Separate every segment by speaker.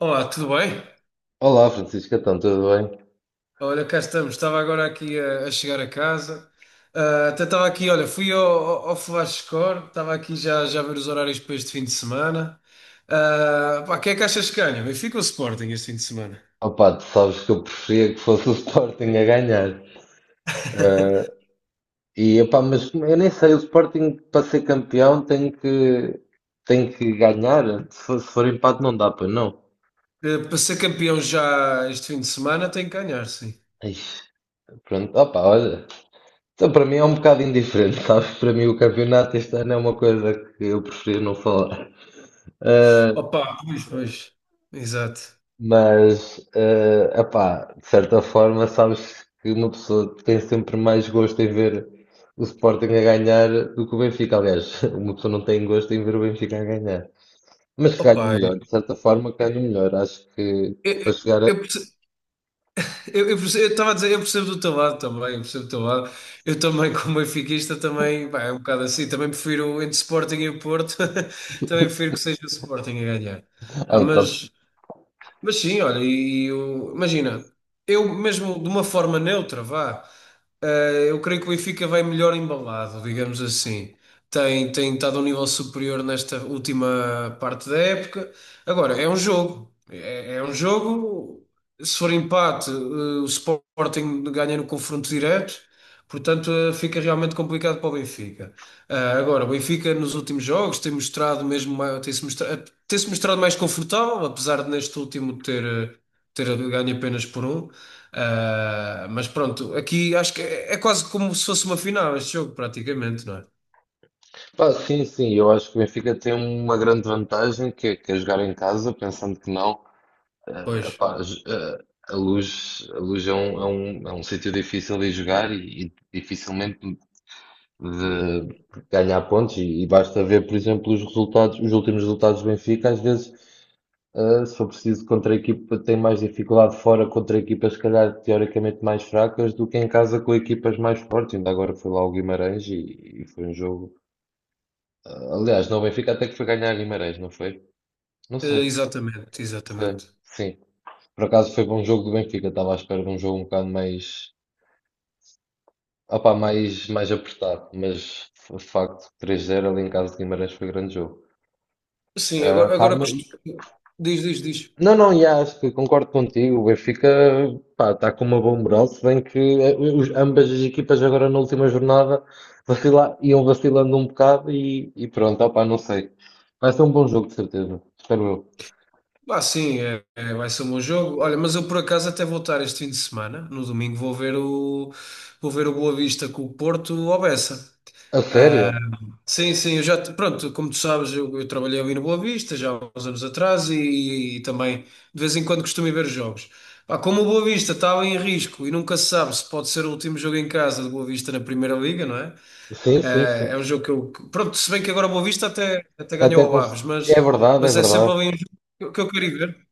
Speaker 1: Olá, tudo bem?
Speaker 2: Olá Francisco, então tudo bem?
Speaker 1: Olha, cá estamos. Estava agora aqui a chegar a casa. Ah, até estava aqui, olha, fui ao Flash Score, estava aqui já a ver os horários para este fim de semana. Ah, pá, quem é que achas que ganha? Benfica ou Sporting este fim de semana?
Speaker 2: Opá, tu sabes que eu preferia que fosse o Sporting a ganhar. Ah, mas eu nem sei, o Sporting para ser tem que ganhar. Se for empate não dá para não.
Speaker 1: Para ser campeão já este fim de semana tem que ganhar, sim.
Speaker 2: Ai, pronto, opá, olha. Então para mim é um bocado indiferente, sabes? Para mim o campeonato este ano é uma coisa que eu prefiro não falar. Ah,
Speaker 1: Opa, pois, pois. Exato.
Speaker 2: Epá, de certa forma, sabes que uma pessoa tem sempre mais gosto em ver o Sporting a ganhar do que o Benfica. Aliás, uma pessoa não tem gosto em ver o Benfica a ganhar. Mas que ganha
Speaker 1: Opa,
Speaker 2: melhor, de certa forma, que ganha melhor. Acho que
Speaker 1: eu,
Speaker 2: para chegar a.
Speaker 1: eu, eu, Eu perce- eu estava a dizer, eu percebo do teu lado também, eu percebo do teu lado. Eu também, como benfiquista, também, pá, é um bocado assim. Também prefiro entre Sporting e o Porto, também prefiro que seja o Sporting a ganhar.
Speaker 2: Ah,
Speaker 1: Pá,
Speaker 2: então,
Speaker 1: mas sim, olha, imagina, eu mesmo de uma forma neutra, vá, eu creio que o Benfica vai melhor embalado, digamos assim. Tem estado a um nível superior nesta última parte da época. Agora, é um jogo. É um jogo. Se for empate, o Sporting ganha no confronto direto, portanto, fica realmente complicado para o Benfica. Ah, agora, o Benfica nos últimos jogos tem mostrado mesmo, tem-se mostrado mais confortável, apesar de neste último ter ganho apenas por um. Ah, mas pronto, aqui acho que é quase como se fosse uma final este jogo, praticamente, não é?
Speaker 2: pá, sim, sim, eu acho que o Benfica tem uma grande vantagem, que é jogar em casa, pensando que não. eh,
Speaker 1: Pois.
Speaker 2: epá, j- eh, a Luz, A Luz é é um sítio difícil de jogar e dificilmente de ganhar pontos e basta ver, por exemplo, os últimos resultados do Benfica, às vezes, se for preciso contra a equipa, tem mais dificuldade fora contra equipas, se calhar, teoricamente mais fracas do que em casa com equipas mais fortes. Ainda agora foi lá o Guimarães e foi um jogo. Aliás, não, o Benfica até que foi ganhar a Guimarães, não foi? Não sei,
Speaker 1: Eh, exatamente,
Speaker 2: sei.
Speaker 1: exatamente.
Speaker 2: Sim. Por acaso foi bom jogo do Benfica, estava à espera de um jogo um bocado mais apertado, mas de facto 3-0 ali em casa de Guimarães foi grande jogo.
Speaker 1: Sim,
Speaker 2: Ah, pá, mas-
Speaker 1: diz, diz, diz.
Speaker 2: Não, não, e acho que concordo contigo. O Benfica, pá, está com uma boa moral, se bem que ambas as equipas agora na última jornada iam vacilando um bocado e pronto, opá, não sei. Vai ser um bom jogo, de certeza, espero eu.
Speaker 1: Ah, sim, vai ser um bom jogo. Olha, mas eu por acaso até vou estar este fim de semana, no domingo, vou ver o Boa Vista com o Porto ao Bessa.
Speaker 2: A
Speaker 1: Ah,
Speaker 2: sério?
Speaker 1: sim, sim, pronto, como tu sabes, eu trabalhei ali no Boa Vista já há uns anos atrás e também de vez em quando costumo ir ver os jogos. Pá, como o Boa Vista estava em risco e nunca se sabe se pode ser o último jogo em casa do Boa Vista na Primeira Liga, não é? Ah,
Speaker 2: Sim, sim, sim.
Speaker 1: é um jogo pronto, se bem que agora o Boa Vista até
Speaker 2: Até
Speaker 1: ganhou ao
Speaker 2: com...
Speaker 1: Aves,
Speaker 2: É verdade, é
Speaker 1: mas é sempre
Speaker 2: verdade.
Speaker 1: ali um jogo que eu quero ir ver.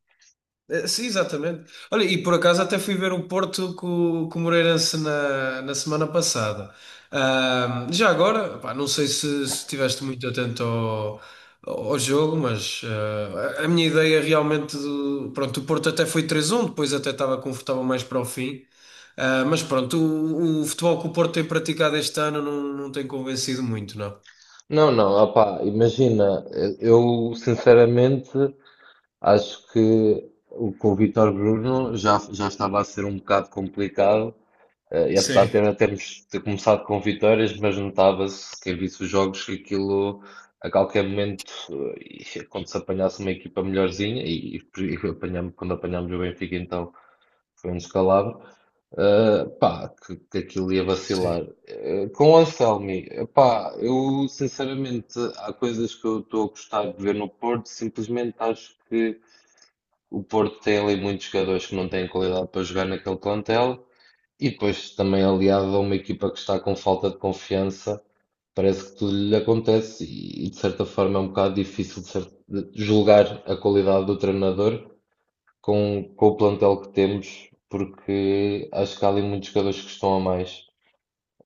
Speaker 1: Sim, exatamente. Olha, e por acaso até fui ver o Porto com o Moreirense na semana passada. Já agora, pá, não sei se estiveste muito atento ao jogo, mas ah, a minha ideia realmente, pronto, o Porto até foi 3-1, depois até estava confortável mais para o fim. Ah, mas pronto, o futebol que o Porto tem praticado este ano não, não tem convencido muito, não.
Speaker 2: Não, não, opá, imagina, eu sinceramente acho com o Vítor Bruno já, já estava a ser um bocado complicado. E apesar
Speaker 1: Sim.
Speaker 2: de ainda termos ter começado com vitórias, mas notava-se, quem visse os jogos, que aquilo a qualquer momento, e quando se apanhasse uma equipa melhorzinha, e apanhamos, quando apanhámos o Benfica, então foi um descalabro, pá, que aquilo ia
Speaker 1: Sim.
Speaker 2: vacilar. Com o Anselmi, pá, eu sinceramente, há coisas que eu estou a gostar de ver no Porto, simplesmente acho que o Porto tem ali muitos jogadores que não têm qualidade para jogar naquele plantel. E depois também aliado a uma equipa que está com falta de confiança, parece que tudo lhe acontece e, de certa forma é um bocado difícil de de julgar a qualidade do treinador com o plantel que temos, porque acho que há ali muitos jogadores que estão a mais,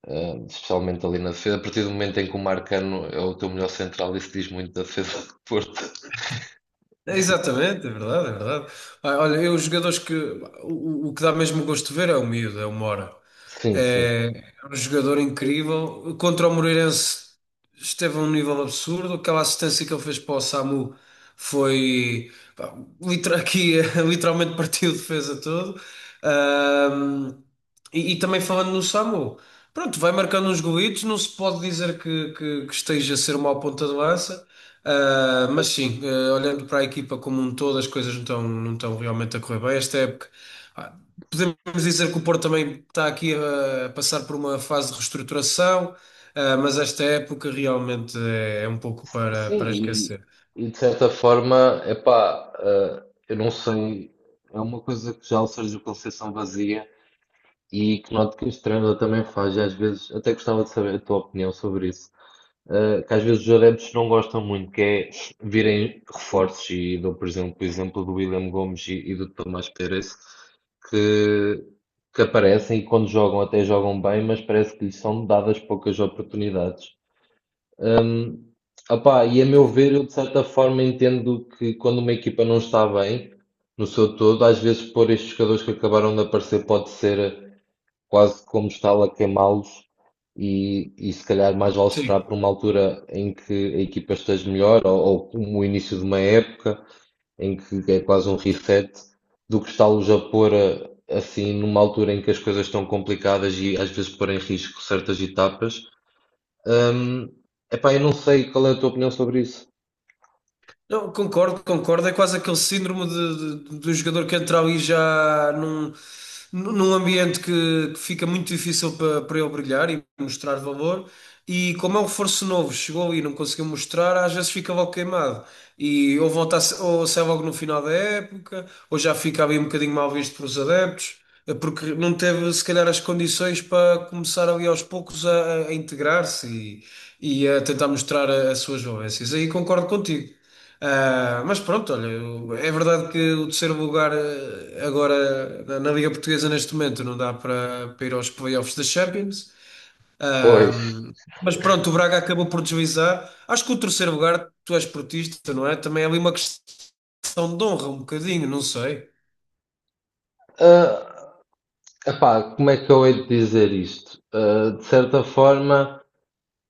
Speaker 2: especialmente ali na defesa. A partir do momento em que o Marcano é o teu melhor central, isso diz muito da defesa do Porto.
Speaker 1: Exatamente, é verdade, é verdade. Ah, olha, eu, os jogadores que. O que dá mesmo gosto de ver é o miúdo, é o Mora.
Speaker 2: Sim, sim.
Speaker 1: É, é um jogador incrível. Contra o Moreirense esteve a um nível absurdo. Aquela assistência que ele fez para o Samu foi, pá, liter- aqui, literalmente partiu a defesa todo. Ahm, e também falando no Samu, pronto, vai marcando uns golitos, não se pode dizer que esteja a ser uma ponta de lança. Ah, mas sim, ah, olhando para a equipa como um todo, as coisas não estão realmente a correr bem esta época. Ah, podemos dizer que o Porto também está aqui ah, a passar por uma fase de reestruturação, ah, mas esta época realmente é um pouco para,
Speaker 2: Sim,
Speaker 1: para esquecer.
Speaker 2: e de certa forma, epá, eu não sei, é uma coisa que já o Sérgio Conceição vazia e que noto que este treinador também faz, e às vezes, até gostava de saber a tua opinião sobre isso, que às vezes os adeptos não gostam muito, que é virem reforços, e dou, por exemplo, o exemplo do William Gomes e do Tomás Pérez, que, que aparecem e quando jogam até jogam bem, mas parece que lhes são dadas poucas oportunidades. Hum, opá, e a meu ver, eu de certa forma entendo que quando uma equipa não está bem, no seu todo, às vezes pôr estes jogadores que acabaram de aparecer pode ser quase como estar a queimá-los e se calhar mais vale esperar
Speaker 1: Sim.
Speaker 2: por uma altura em que a equipa esteja melhor ou como o início de uma época em que é quase um reset do que está-los a pôr assim numa altura em que as coisas estão complicadas e às vezes pôr em risco certas etapas. Hum, epá, eu não sei qual é a tua opinião sobre isso.
Speaker 1: Não, concordo, concordo. É quase aquele síndrome de um jogador que entra ali já num ambiente que fica muito difícil para, para ele brilhar e mostrar valor. E como é um reforço novo, chegou ali e não conseguiu mostrar, às vezes fica logo queimado. E ou volta a, se- Ou sai logo no final da época, ou já fica ali um bocadinho mal visto pelos adeptos, porque não teve se calhar as condições para começar ali aos poucos a integrar-se e a tentar mostrar as suas valências. Aí concordo contigo. Ah, mas pronto, olha, é verdade que o terceiro lugar agora na Liga Portuguesa neste momento não dá para, para ir aos playoffs da Champions.
Speaker 2: Pois,
Speaker 1: Ahm, mas pronto, o Braga acabou por deslizar. Acho que o terceiro lugar, tu és portista, não é? Também é ali uma questão de honra, um bocadinho, não sei.
Speaker 2: Ah, epá, como é que eu hei de dizer isto? Ah, de certa forma,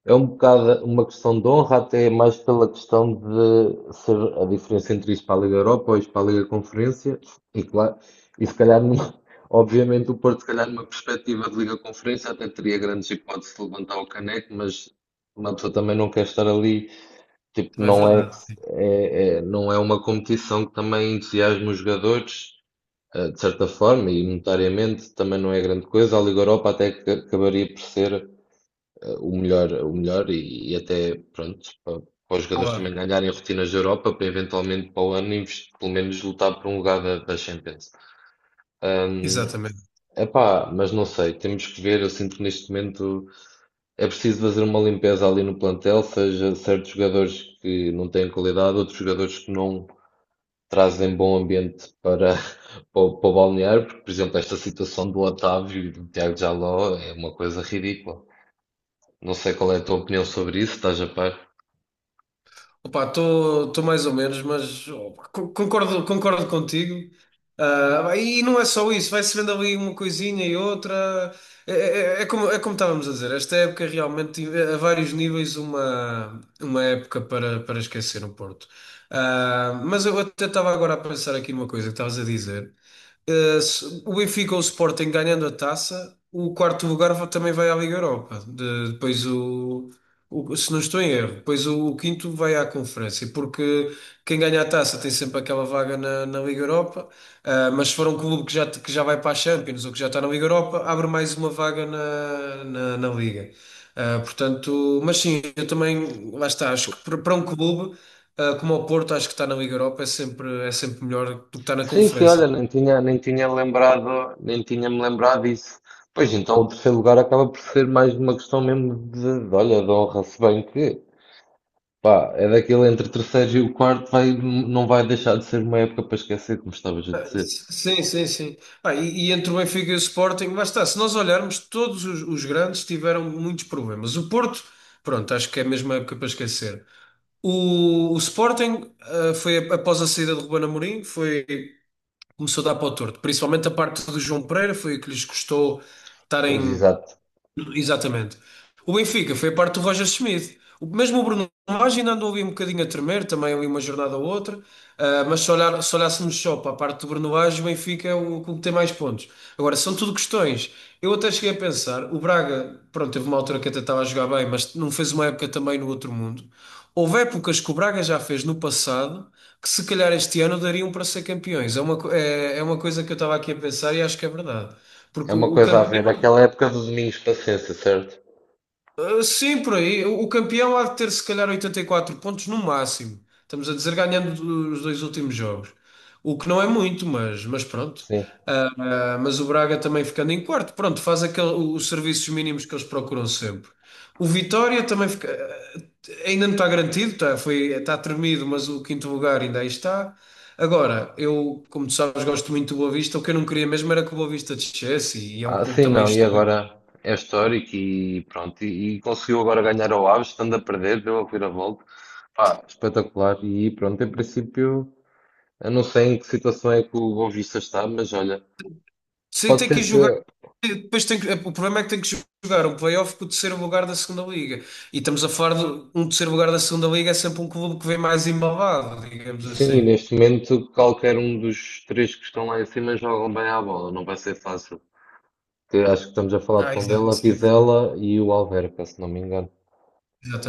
Speaker 2: é um bocado uma questão de honra, até mais pela questão de ser a diferença entre isto para a Liga Europa ou isto para a Liga Conferência, e claro, e se calhar, obviamente, o Porto, se calhar, numa perspectiva de Liga Conferência, até teria grandes hipóteses de levantar o caneco, mas uma pessoa também não quer estar ali. Tipo,
Speaker 1: Também é
Speaker 2: não é,
Speaker 1: verdade.
Speaker 2: não é uma competição que também entusiasma os jogadores, de certa forma, e monetariamente também não é grande coisa. A Liga Europa até que acabaria por ser o melhor e até, pronto, para, para os jogadores também
Speaker 1: Claro,
Speaker 2: ganharem rotinas da Europa, para eventualmente para o ano, pelo menos lutar por um lugar da, da Champions. Ahm,
Speaker 1: exatamente.
Speaker 2: epá, mas não sei, temos que ver. Eu sinto que neste momento. É preciso fazer uma limpeza ali no plantel, seja certos jogadores que não têm qualidade, outros jogadores que não trazem bom ambiente para, para o balneário, porque, por exemplo, esta situação do Otávio e do Tiago Jaló é uma coisa ridícula. Não sei qual é a tua opinião sobre isso, estás a par?
Speaker 1: Opa, estou mais ou menos, mas oh, concordo, concordo contigo. Ah, e não é só isso, vai-se vendo ali uma coisinha e outra. É como estávamos a dizer, esta época realmente, a vários níveis, uma época para, para esquecer no Porto. Ah, mas eu até estava agora a pensar aqui numa coisa que estavas a dizer. O Benfica ou o Sporting ganhando a taça, o quarto lugar também vai à Liga Europa. Depois, se não estou em erro, pois o quinto vai à conferência, porque quem ganha a taça tem sempre aquela vaga na Liga Europa, ah, mas se for um clube que já vai para a Champions ou que já está na Liga Europa, abre mais uma vaga na Liga. Ah, portanto, mas sim, eu também, lá está, acho que para um clube, ah, como o Porto, acho que está na Liga Europa, é sempre melhor do que estar na
Speaker 2: Sim, sim, olha,
Speaker 1: conferência.
Speaker 2: nem tinha-me lembrado disso. Pois então, o terceiro lugar acaba por ser mais uma questão mesmo de olha, de honra, se bem que pá, é daquele entre o terceiro e o quarto, vai, não vai deixar de ser uma época para esquecer, como estavas a dizer.
Speaker 1: Sim, sim, sim. Ah, e entre o Benfica e o Sporting, basta, se nós olharmos, os grandes tiveram muitos problemas. O Porto, pronto, acho que é a mesma época para esquecer. O Sporting, ah, após a saída de Ruben Amorim, começou a dar para o torto. Principalmente a parte do João Pereira, foi o que lhes custou
Speaker 2: Pois,
Speaker 1: estarem.
Speaker 2: exato.
Speaker 1: Exatamente. O Benfica foi a parte do Roger Schmidt. O, mesmo o Bruno Lage ainda andou ali um bocadinho a tremer, também ali uma jornada ou outra. Ah, se olhássemos só para a parte do Bruno Lage, o Benfica é o clube que tem mais pontos. Agora, são tudo questões. Eu até cheguei a pensar, o Braga, pronto, teve uma altura que até estava a jogar bem, mas não fez uma época também no outro mundo. Houve épocas que o Braga já fez no passado que se calhar este ano dariam para ser campeões. É é, é uma coisa que eu estava aqui a pensar e acho que é verdade.
Speaker 2: É
Speaker 1: Porque
Speaker 2: uma
Speaker 1: o
Speaker 2: coisa a ver.
Speaker 1: campeão
Speaker 2: Aquela época do Domingos Paciência, certo?
Speaker 1: Sim, por aí. O campeão há de ter se calhar 84 pontos no máximo. Estamos a dizer ganhando os dois últimos jogos. O que não é muito, mas pronto.
Speaker 2: Sim.
Speaker 1: Ah, ah, mas o Braga também ficando em quarto, pronto, faz aquele, os serviços mínimos que eles procuram sempre. O Vitória também fica, ah, ainda não está garantido, tá, foi, está tremido, mas o quinto lugar ainda aí está. Agora, eu, como tu sabes, gosto muito do Boa Vista. O que eu não queria mesmo era que o Boa Vista descesse e é um
Speaker 2: Ah,
Speaker 1: clube
Speaker 2: sim,
Speaker 1: também
Speaker 2: não. E agora
Speaker 1: histórico.
Speaker 2: é histórico e pronto. E conseguiu agora ganhar ao Aves, estando a perder, deu a vira-volta. Pá, espetacular. E pronto, em princípio, eu não sei em que situação é que o Boa está, mas olha,
Speaker 1: Sim,
Speaker 2: pode
Speaker 1: tem que ir
Speaker 2: ser
Speaker 1: jogar.
Speaker 2: que,
Speaker 1: O problema é que tem que jogar um playoff com o terceiro lugar da segunda liga. E estamos a falar de um terceiro lugar da segunda liga é sempre um clube que vem mais embalado, digamos
Speaker 2: sim,
Speaker 1: assim.
Speaker 2: neste momento, qualquer um dos três que estão lá em cima jogam bem à bola. Não vai ser fácil. Que acho que estamos a falar de Tondela,
Speaker 1: Sim,
Speaker 2: Vizela e o Alverca, se não me engano.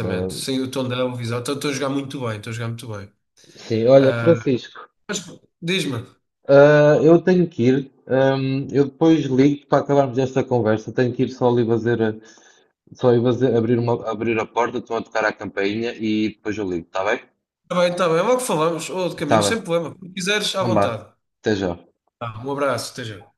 Speaker 2: Ah,
Speaker 1: Sim, o Tondela, o Vizela. Estão a jogar muito bem, estão a jogar muito bem.
Speaker 2: sim, olha,
Speaker 1: Ah,
Speaker 2: Francisco,
Speaker 1: mas diz-me,
Speaker 2: ah, eu tenho que ir. Eu depois ligo para acabarmos esta conversa. Tenho que ir só ali só ir fazer, abrir a porta, estão a tocar a campainha e depois eu ligo, está bem?
Speaker 1: está bem, logo falamos, ou de
Speaker 2: Está
Speaker 1: caminho,
Speaker 2: bem.
Speaker 1: sem problema. Se quiseres, à
Speaker 2: Então vá.
Speaker 1: vontade.
Speaker 2: Até já.
Speaker 1: Tá, um abraço, esteja.